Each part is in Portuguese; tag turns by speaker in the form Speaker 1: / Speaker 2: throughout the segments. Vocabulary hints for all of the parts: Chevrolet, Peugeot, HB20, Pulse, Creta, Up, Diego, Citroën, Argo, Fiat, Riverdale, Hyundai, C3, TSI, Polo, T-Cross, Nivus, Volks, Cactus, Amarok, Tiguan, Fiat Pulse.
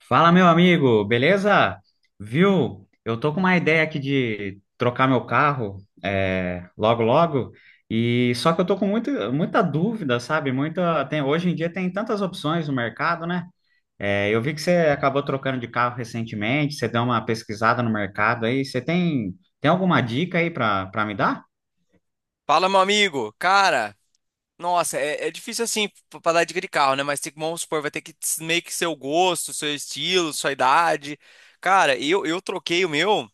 Speaker 1: Fala, meu amigo, beleza? Viu? Eu tô com uma ideia aqui de trocar meu carro, logo, logo. E só que eu tô com muita, muita dúvida, sabe? Hoje em dia tem tantas opções no mercado, né? Eu vi que você acabou trocando de carro recentemente, você deu uma pesquisada no mercado aí. Você tem alguma dica aí para me dar?
Speaker 2: Fala, meu amigo. Cara, nossa, é difícil assim pra dar dica de carro, né? Mas tem que, vamos supor, vai ter que meio que seu gosto, seu estilo, sua idade. Cara, eu troquei o meu.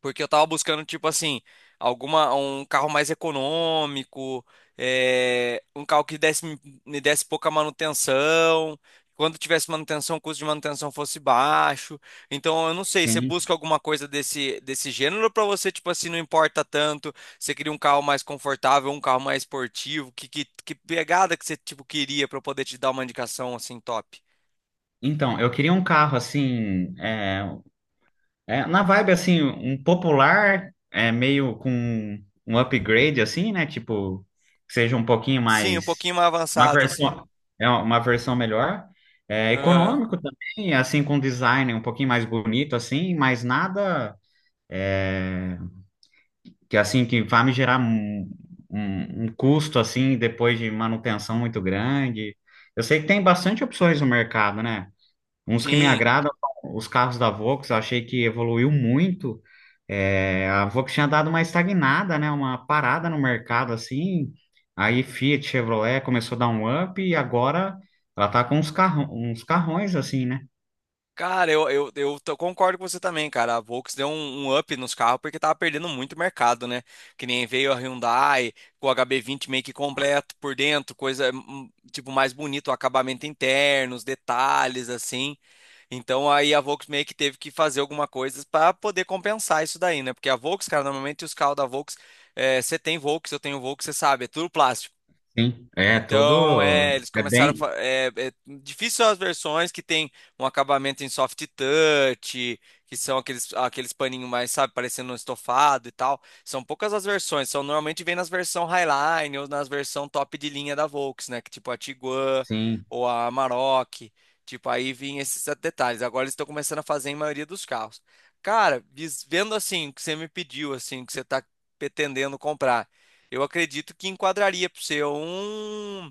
Speaker 2: Porque eu tava buscando, tipo assim, um carro mais econômico, um carro que me desse pouca manutenção. Quando tivesse manutenção, o custo de manutenção fosse baixo. Então, eu não sei, você
Speaker 1: Sim.
Speaker 2: busca alguma coisa desse gênero pra você, tipo assim, não importa tanto. Você queria um carro mais confortável, um carro mais esportivo. Que pegada que você, tipo, queria pra eu poder te dar uma indicação, assim, top?
Speaker 1: Então, eu queria um carro assim, na vibe, assim, um popular, é meio com um upgrade, assim, né? Tipo, que seja um pouquinho
Speaker 2: Sim, um
Speaker 1: mais.
Speaker 2: pouquinho mais
Speaker 1: Uma
Speaker 2: avançado, assim.
Speaker 1: versão, é uma versão melhor. É,
Speaker 2: Aham.
Speaker 1: econômico também, assim, com design um pouquinho mais bonito, assim, mas nada, é, que, assim, que vá me gerar um custo, assim, depois de manutenção muito grande. Eu sei que tem bastante opções no mercado, né? Uns que me
Speaker 2: Sim.
Speaker 1: agradam são os carros da Volks, eu achei que evoluiu muito. A Volks tinha dado uma estagnada, né? Uma parada no mercado assim. Aí Fiat, Chevrolet começou a dar um up e agora ela tá com uns carrões assim, né?
Speaker 2: Cara, concordo com você também, cara. A Volks deu um up nos carros porque tava perdendo muito mercado, né? Que nem veio a Hyundai com o HB20 meio que completo por dentro, coisa tipo mais bonito, o acabamento interno, os detalhes assim. Então aí a Volks meio que teve que fazer alguma coisa para poder compensar isso daí, né? Porque a Volks, cara, normalmente os carros da Volks, você tem Volks, eu tenho Volks, você sabe, é tudo plástico.
Speaker 1: Sim, é
Speaker 2: Então,
Speaker 1: todo
Speaker 2: eles
Speaker 1: é
Speaker 2: começaram
Speaker 1: bem.
Speaker 2: é difícil as versões que tem um acabamento em soft touch, que são aqueles paninhos mais, sabe, parecendo um estofado e tal. São poucas as versões, são normalmente vem nas versão Highline ou nas versão top de linha da Volks, né, que tipo a Tiguan
Speaker 1: Sim,
Speaker 2: ou a Amarok, tipo aí vinha esses detalhes. Agora eles estão começando a fazer em maioria dos carros. Cara, vendo assim o que você me pediu, assim, o que você está pretendendo comprar. Eu acredito que enquadraria para você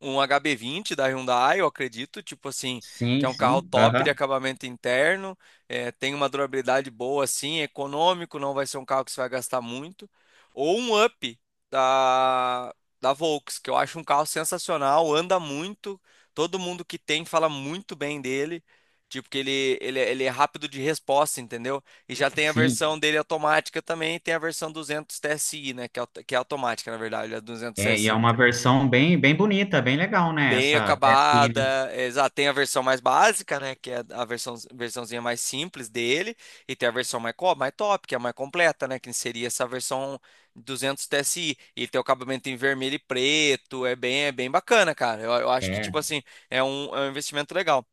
Speaker 2: um HB20 da Hyundai, eu acredito, tipo assim, que
Speaker 1: sim,
Speaker 2: é um carro
Speaker 1: sim,
Speaker 2: top de
Speaker 1: aham,
Speaker 2: acabamento interno, tem uma durabilidade boa, assim, é econômico, não vai ser um carro que você vai gastar muito. Ou um Up da, da Volks, que eu acho um carro sensacional, anda muito, todo mundo que tem fala muito bem dele. Tipo, que ele é rápido de resposta, entendeu? E já tem a
Speaker 1: sim.
Speaker 2: versão dele automática também, e tem a versão 200 TSI, né? Que é automática, na verdade, ele é 200
Speaker 1: E é
Speaker 2: TSI
Speaker 1: uma versão bem, bem bonita, bem legal, né?
Speaker 2: bem
Speaker 1: Essa TSI,
Speaker 2: acabada.
Speaker 1: né?
Speaker 2: Exato, tem a versão mais básica, né? Que é a versão, versãozinha mais simples dele. E tem a versão mais, mais top, que é a mais completa, né? Que seria essa versão 200 TSI. E tem o acabamento em vermelho e preto. É bem bacana, cara. Eu acho que,
Speaker 1: É,
Speaker 2: tipo assim, é é um investimento legal.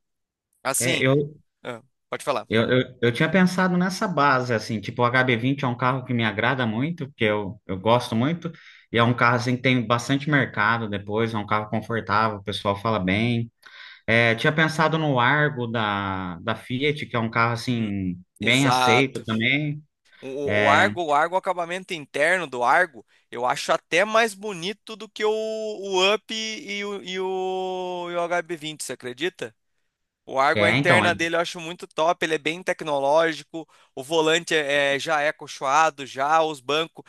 Speaker 1: é,
Speaker 2: Assim,
Speaker 1: eu,
Speaker 2: ah, pode falar.
Speaker 1: eu tinha pensado nessa base, assim, tipo, o HB20 é um carro que me agrada muito, porque eu gosto muito, e é um carro, assim, que tem bastante mercado depois, é um carro confortável, o pessoal fala bem. Tinha pensado no Argo da, Fiat, que é um carro,
Speaker 2: Hum,
Speaker 1: assim, bem aceito
Speaker 2: Exato.
Speaker 1: também. É,
Speaker 2: O Argo, o acabamento interno do Argo, eu acho até mais bonito do que o Up e e o HB20, você acredita? O Argo, a
Speaker 1: então, é
Speaker 2: interna dele eu acho muito top, ele é bem tecnológico, o volante já é acolchoado, já os bancos,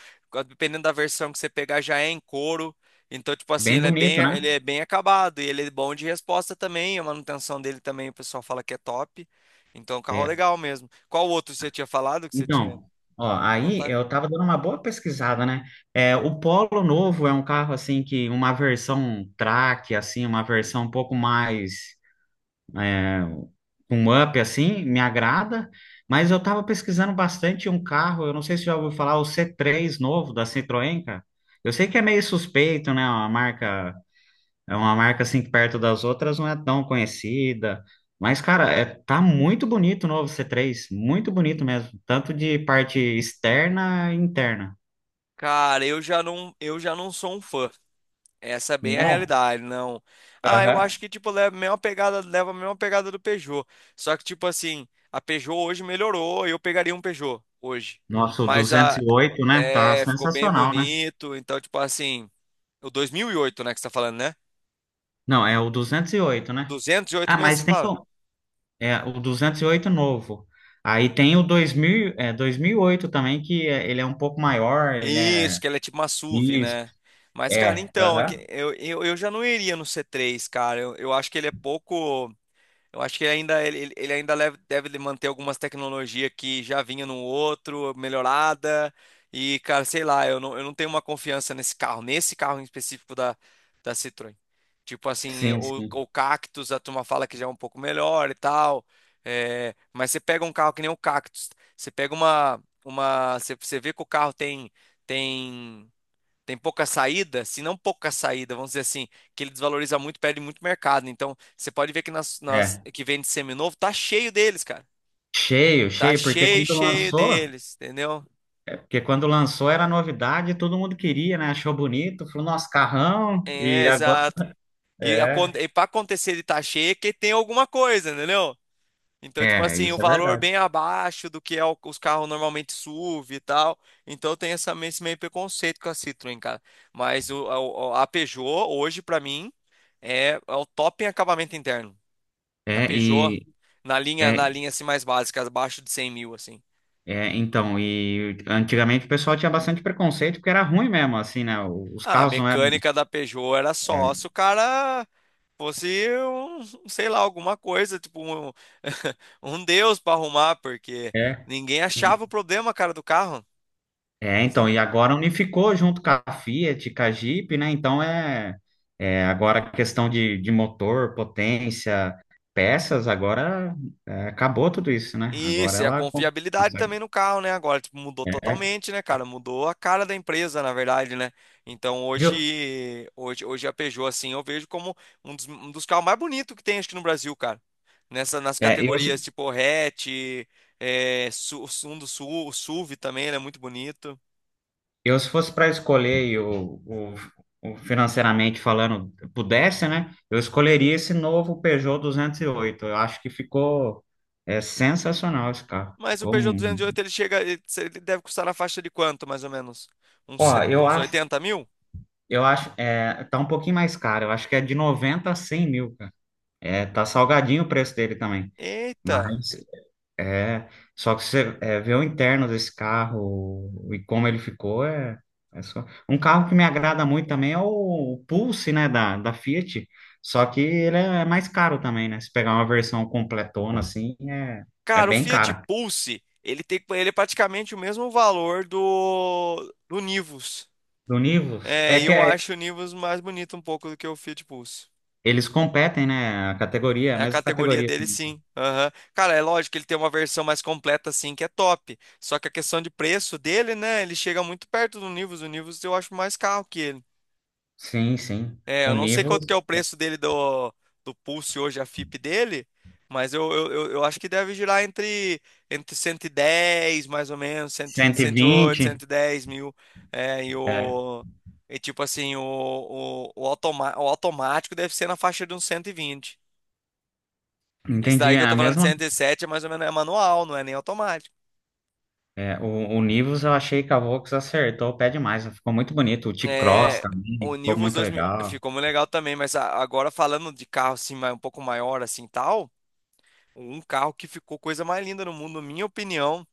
Speaker 2: dependendo da versão que você pegar, já é em couro. Então, tipo assim,
Speaker 1: bem
Speaker 2: ele é bem,
Speaker 1: bonito, né?
Speaker 2: acabado e ele é bom de resposta também, a manutenção dele também, o pessoal fala que é top. Então, é um carro é
Speaker 1: É,
Speaker 2: legal mesmo. Qual outro você tinha falado que você tinha?
Speaker 1: Então ó,
Speaker 2: Não
Speaker 1: aí
Speaker 2: tem?
Speaker 1: eu tava dando uma boa pesquisada, né? O Polo Novo é um carro assim que uma versão track, assim, uma versão um pouco mais, é, um up assim, me agrada. Mas eu tava pesquisando bastante um carro, eu não sei se já ouviu falar, o C3 novo da Citroën, cara. Eu sei que é meio suspeito, né? Uma marca é uma marca assim que perto das outras não é tão conhecida. Mas, cara, tá muito bonito o novo C3. Muito bonito mesmo. Tanto de parte externa e interna.
Speaker 2: Cara, eu já não sou um fã. Essa é bem a
Speaker 1: Não.
Speaker 2: realidade, não. Ah, eu
Speaker 1: Aham.
Speaker 2: acho que tipo leva a mesma pegada, leva a mesma pegada do Peugeot. Só que tipo assim, a Peugeot hoje melhorou, eu pegaria um Peugeot hoje.
Speaker 1: Nossa, o
Speaker 2: Mas
Speaker 1: duzentos
Speaker 2: a
Speaker 1: e oito, né? Tá
Speaker 2: Ficou bem
Speaker 1: sensacional, né?
Speaker 2: bonito, então tipo assim, o 2008 né, que você tá falando, né?
Speaker 1: Não, é o 208, né?
Speaker 2: 208
Speaker 1: Ah,
Speaker 2: mesmo, você
Speaker 1: mas tem
Speaker 2: fala?
Speaker 1: o 208 novo. Aí tem o 2008 também, que ele é um pouco maior, ele é.
Speaker 2: Isso, que ela é tipo uma SUV,
Speaker 1: Isso,
Speaker 2: né? Mas, cara,
Speaker 1: é,
Speaker 2: então, é
Speaker 1: aham.
Speaker 2: que eu já não iria no C3, cara. Eu acho que ele é pouco. Eu acho que ele ainda deve manter algumas tecnologias que já vinha no outro, melhorada. E, cara, sei lá, eu não tenho uma confiança nesse carro, em específico da Citroën. Tipo assim,
Speaker 1: Sim, sim,
Speaker 2: o Cactus, a turma fala que já é um pouco melhor e tal. É, mas você pega um carro que nem o Cactus, você pega você vê que o carro tem, tem tem pouca saída, se não pouca saída, vamos dizer assim, que ele desvaloriza muito, perde muito mercado. Então, você pode ver que nas
Speaker 1: é.
Speaker 2: que vende seminovo, tá cheio deles, cara.
Speaker 1: Cheio,
Speaker 2: Tá
Speaker 1: cheio,
Speaker 2: cheio, cheio deles, entendeu?
Speaker 1: porque quando lançou era novidade, todo mundo queria, né? Achou bonito, falou, nossa, carrão,
Speaker 2: É,
Speaker 1: e agora.
Speaker 2: exato. E,
Speaker 1: É,
Speaker 2: para acontecer de tá cheio é que tem alguma coisa, entendeu? Então, tipo
Speaker 1: é,
Speaker 2: assim, o
Speaker 1: isso é
Speaker 2: valor
Speaker 1: verdade.
Speaker 2: bem abaixo do que é os carros normalmente SUV e tal. Então tem esse meio preconceito com a Citroën, cara. Mas a Peugeot, hoje, pra mim, é o top em acabamento interno. Na
Speaker 1: É,
Speaker 2: Peugeot,
Speaker 1: e. É,
Speaker 2: na linha assim mais básica, abaixo de 100 mil, assim.
Speaker 1: então, e antigamente o pessoal tinha bastante preconceito porque era ruim mesmo, assim, né? Os
Speaker 2: Ah, a
Speaker 1: carros não eram.
Speaker 2: mecânica da Peugeot era só se o cara fosse um, sei lá, alguma coisa, tipo um, um deus para arrumar, porque
Speaker 1: É.
Speaker 2: ninguém achava o problema, cara, do carro.
Speaker 1: Então, e agora unificou junto com a Fiat, com a Jeep, né? Então é agora a questão de, motor, potência, peças, agora, acabou tudo isso, né? Agora
Speaker 2: Isso, e a
Speaker 1: ela
Speaker 2: confiabilidade também
Speaker 1: consegue.
Speaker 2: no carro, né? Agora, tipo, mudou
Speaker 1: É,
Speaker 2: totalmente, né, cara? Mudou a cara da empresa, na verdade, né? Então,
Speaker 1: Viu?
Speaker 2: hoje, hoje, hoje a Peugeot, assim, eu vejo como um dos carros mais bonitos que tem, acho que no Brasil, cara. Nas
Speaker 1: É, eu,
Speaker 2: categorias,
Speaker 1: se-
Speaker 2: tipo, hatch, um do sul o SUV também, ele é muito bonito.
Speaker 1: eu se fosse para escolher e o financeiramente falando, pudesse, né? Eu escolheria esse novo Peugeot 208. Eu acho que ficou, sensacional esse carro.
Speaker 2: Mas o
Speaker 1: Ficou.
Speaker 2: Peugeot 208, ele chega, ele deve custar na faixa de quanto, mais ou menos? Uns,
Speaker 1: Ó,
Speaker 2: set-
Speaker 1: eu
Speaker 2: uns
Speaker 1: acho
Speaker 2: 80 mil?
Speaker 1: Eu acho, é, tá um pouquinho mais caro. Eu acho que é de 90 a 100 mil, cara. Tá salgadinho o preço dele também.
Speaker 2: Eita!
Speaker 1: Mas, é, só que você, vê o interno desse carro e como ele ficou, é só. Um carro que me agrada muito também é o Pulse, né, da Fiat. Só que ele é mais caro também, né? Se pegar uma versão completona, assim, é
Speaker 2: Cara, o
Speaker 1: bem
Speaker 2: Fiat
Speaker 1: cara.
Speaker 2: Pulse, ele tem, ele é praticamente o mesmo valor do Nivus.
Speaker 1: Do Nivus,
Speaker 2: É, e eu acho o Nivus mais bonito um pouco do que o Fiat Pulse.
Speaker 1: eles competem, né? A categoria, a
Speaker 2: É a
Speaker 1: mesma
Speaker 2: categoria
Speaker 1: categoria.
Speaker 2: dele, sim. Aham. Cara, é lógico que ele tem uma versão mais completa, assim, que é top. Só que a questão de preço dele, né? Ele chega muito perto do Nivus. O Nivus eu acho mais caro que ele.
Speaker 1: Sim, sim.
Speaker 2: É, eu
Speaker 1: O
Speaker 2: não sei
Speaker 1: nível
Speaker 2: quanto que é o preço dele do Pulse hoje, a FIP dele, mas eu acho que deve girar entre 110 mais ou menos, cem, 108
Speaker 1: 120,
Speaker 2: 110 mil. É, e
Speaker 1: é,
Speaker 2: o. E tipo assim, o automático deve ser na faixa de uns 120. Esse
Speaker 1: entendi.
Speaker 2: daí que
Speaker 1: É
Speaker 2: eu tô
Speaker 1: A
Speaker 2: falando de
Speaker 1: mesma,
Speaker 2: 107 é mais ou menos é manual, não é nem automático.
Speaker 1: é, o Nivus eu achei que a Vox acertou o pé demais. Ficou muito bonito. O T-Cross
Speaker 2: É,
Speaker 1: também
Speaker 2: o
Speaker 1: ficou
Speaker 2: Nivus
Speaker 1: muito
Speaker 2: 2000
Speaker 1: legal.
Speaker 2: ficou muito legal também, mas agora falando de carro assim, um pouco maior assim, tal. Um carro que ficou coisa mais linda no mundo, na minha opinião,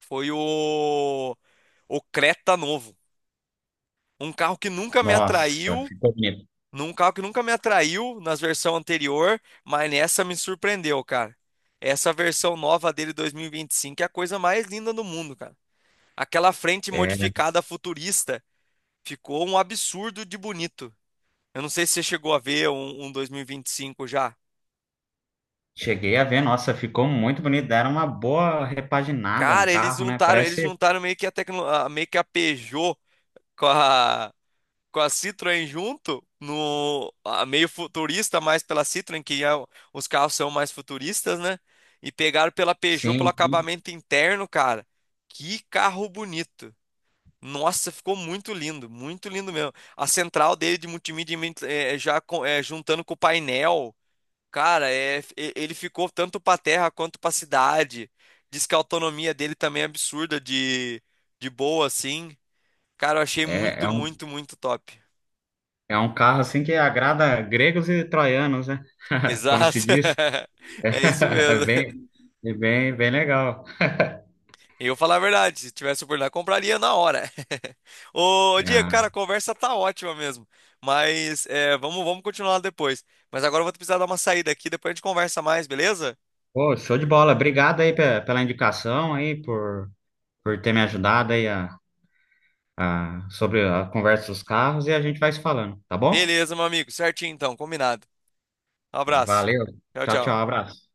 Speaker 2: foi o Creta novo. Um carro que nunca me
Speaker 1: Nossa,
Speaker 2: atraiu,
Speaker 1: ficou bonito.
Speaker 2: num carro que nunca me atraiu nas versões anterior, mas nessa me surpreendeu, cara. Essa versão nova dele 2025 é a coisa mais linda do mundo, cara. Aquela frente
Speaker 1: É,
Speaker 2: modificada futurista ficou um absurdo de bonito. Eu não sei se você chegou a ver um 2025 já.
Speaker 1: cheguei a ver, nossa, ficou muito bonito. Deram uma boa repaginada no
Speaker 2: Cara,
Speaker 1: carro, né?
Speaker 2: eles
Speaker 1: Parece,
Speaker 2: juntaram meio que meio que a Peugeot com a com a Citroën junto, no a meio futurista, mais pela Citroën, que é os carros são mais futuristas, né? E pegaram pela Peugeot pelo
Speaker 1: sim, sim.
Speaker 2: acabamento interno, cara. Que carro bonito. Nossa, ficou muito lindo mesmo. A central dele de multimídia já juntando com o painel, cara, ele ficou tanto para terra quanto para cidade. Diz que a autonomia dele também é absurda de boa, assim. Cara, eu achei
Speaker 1: É, é
Speaker 2: muito,
Speaker 1: um,
Speaker 2: muito, muito top.
Speaker 1: é um carro assim que agrada gregos e troianos, né? Como se
Speaker 2: Exato.
Speaker 1: diz.
Speaker 2: É isso
Speaker 1: É
Speaker 2: mesmo.
Speaker 1: bem, é bem, bem legal.
Speaker 2: Eu falar a verdade, se tivesse oportunidade, compraria na hora. Ô, Diego, cara, a
Speaker 1: Ah,
Speaker 2: conversa tá ótima mesmo. Mas vamos continuar depois. Mas agora eu vou precisar dar uma saída aqui, depois a gente conversa mais, beleza?
Speaker 1: pô, show de bola. Obrigado aí pela indicação aí, por ter me ajudado aí a, sobre a conversa dos carros e a gente vai se falando, tá bom?
Speaker 2: Beleza, meu amigo. Certinho então, combinado. Um abraço.
Speaker 1: Valeu.
Speaker 2: Tchau,
Speaker 1: Tchau,
Speaker 2: tchau.
Speaker 1: tchau, abraço.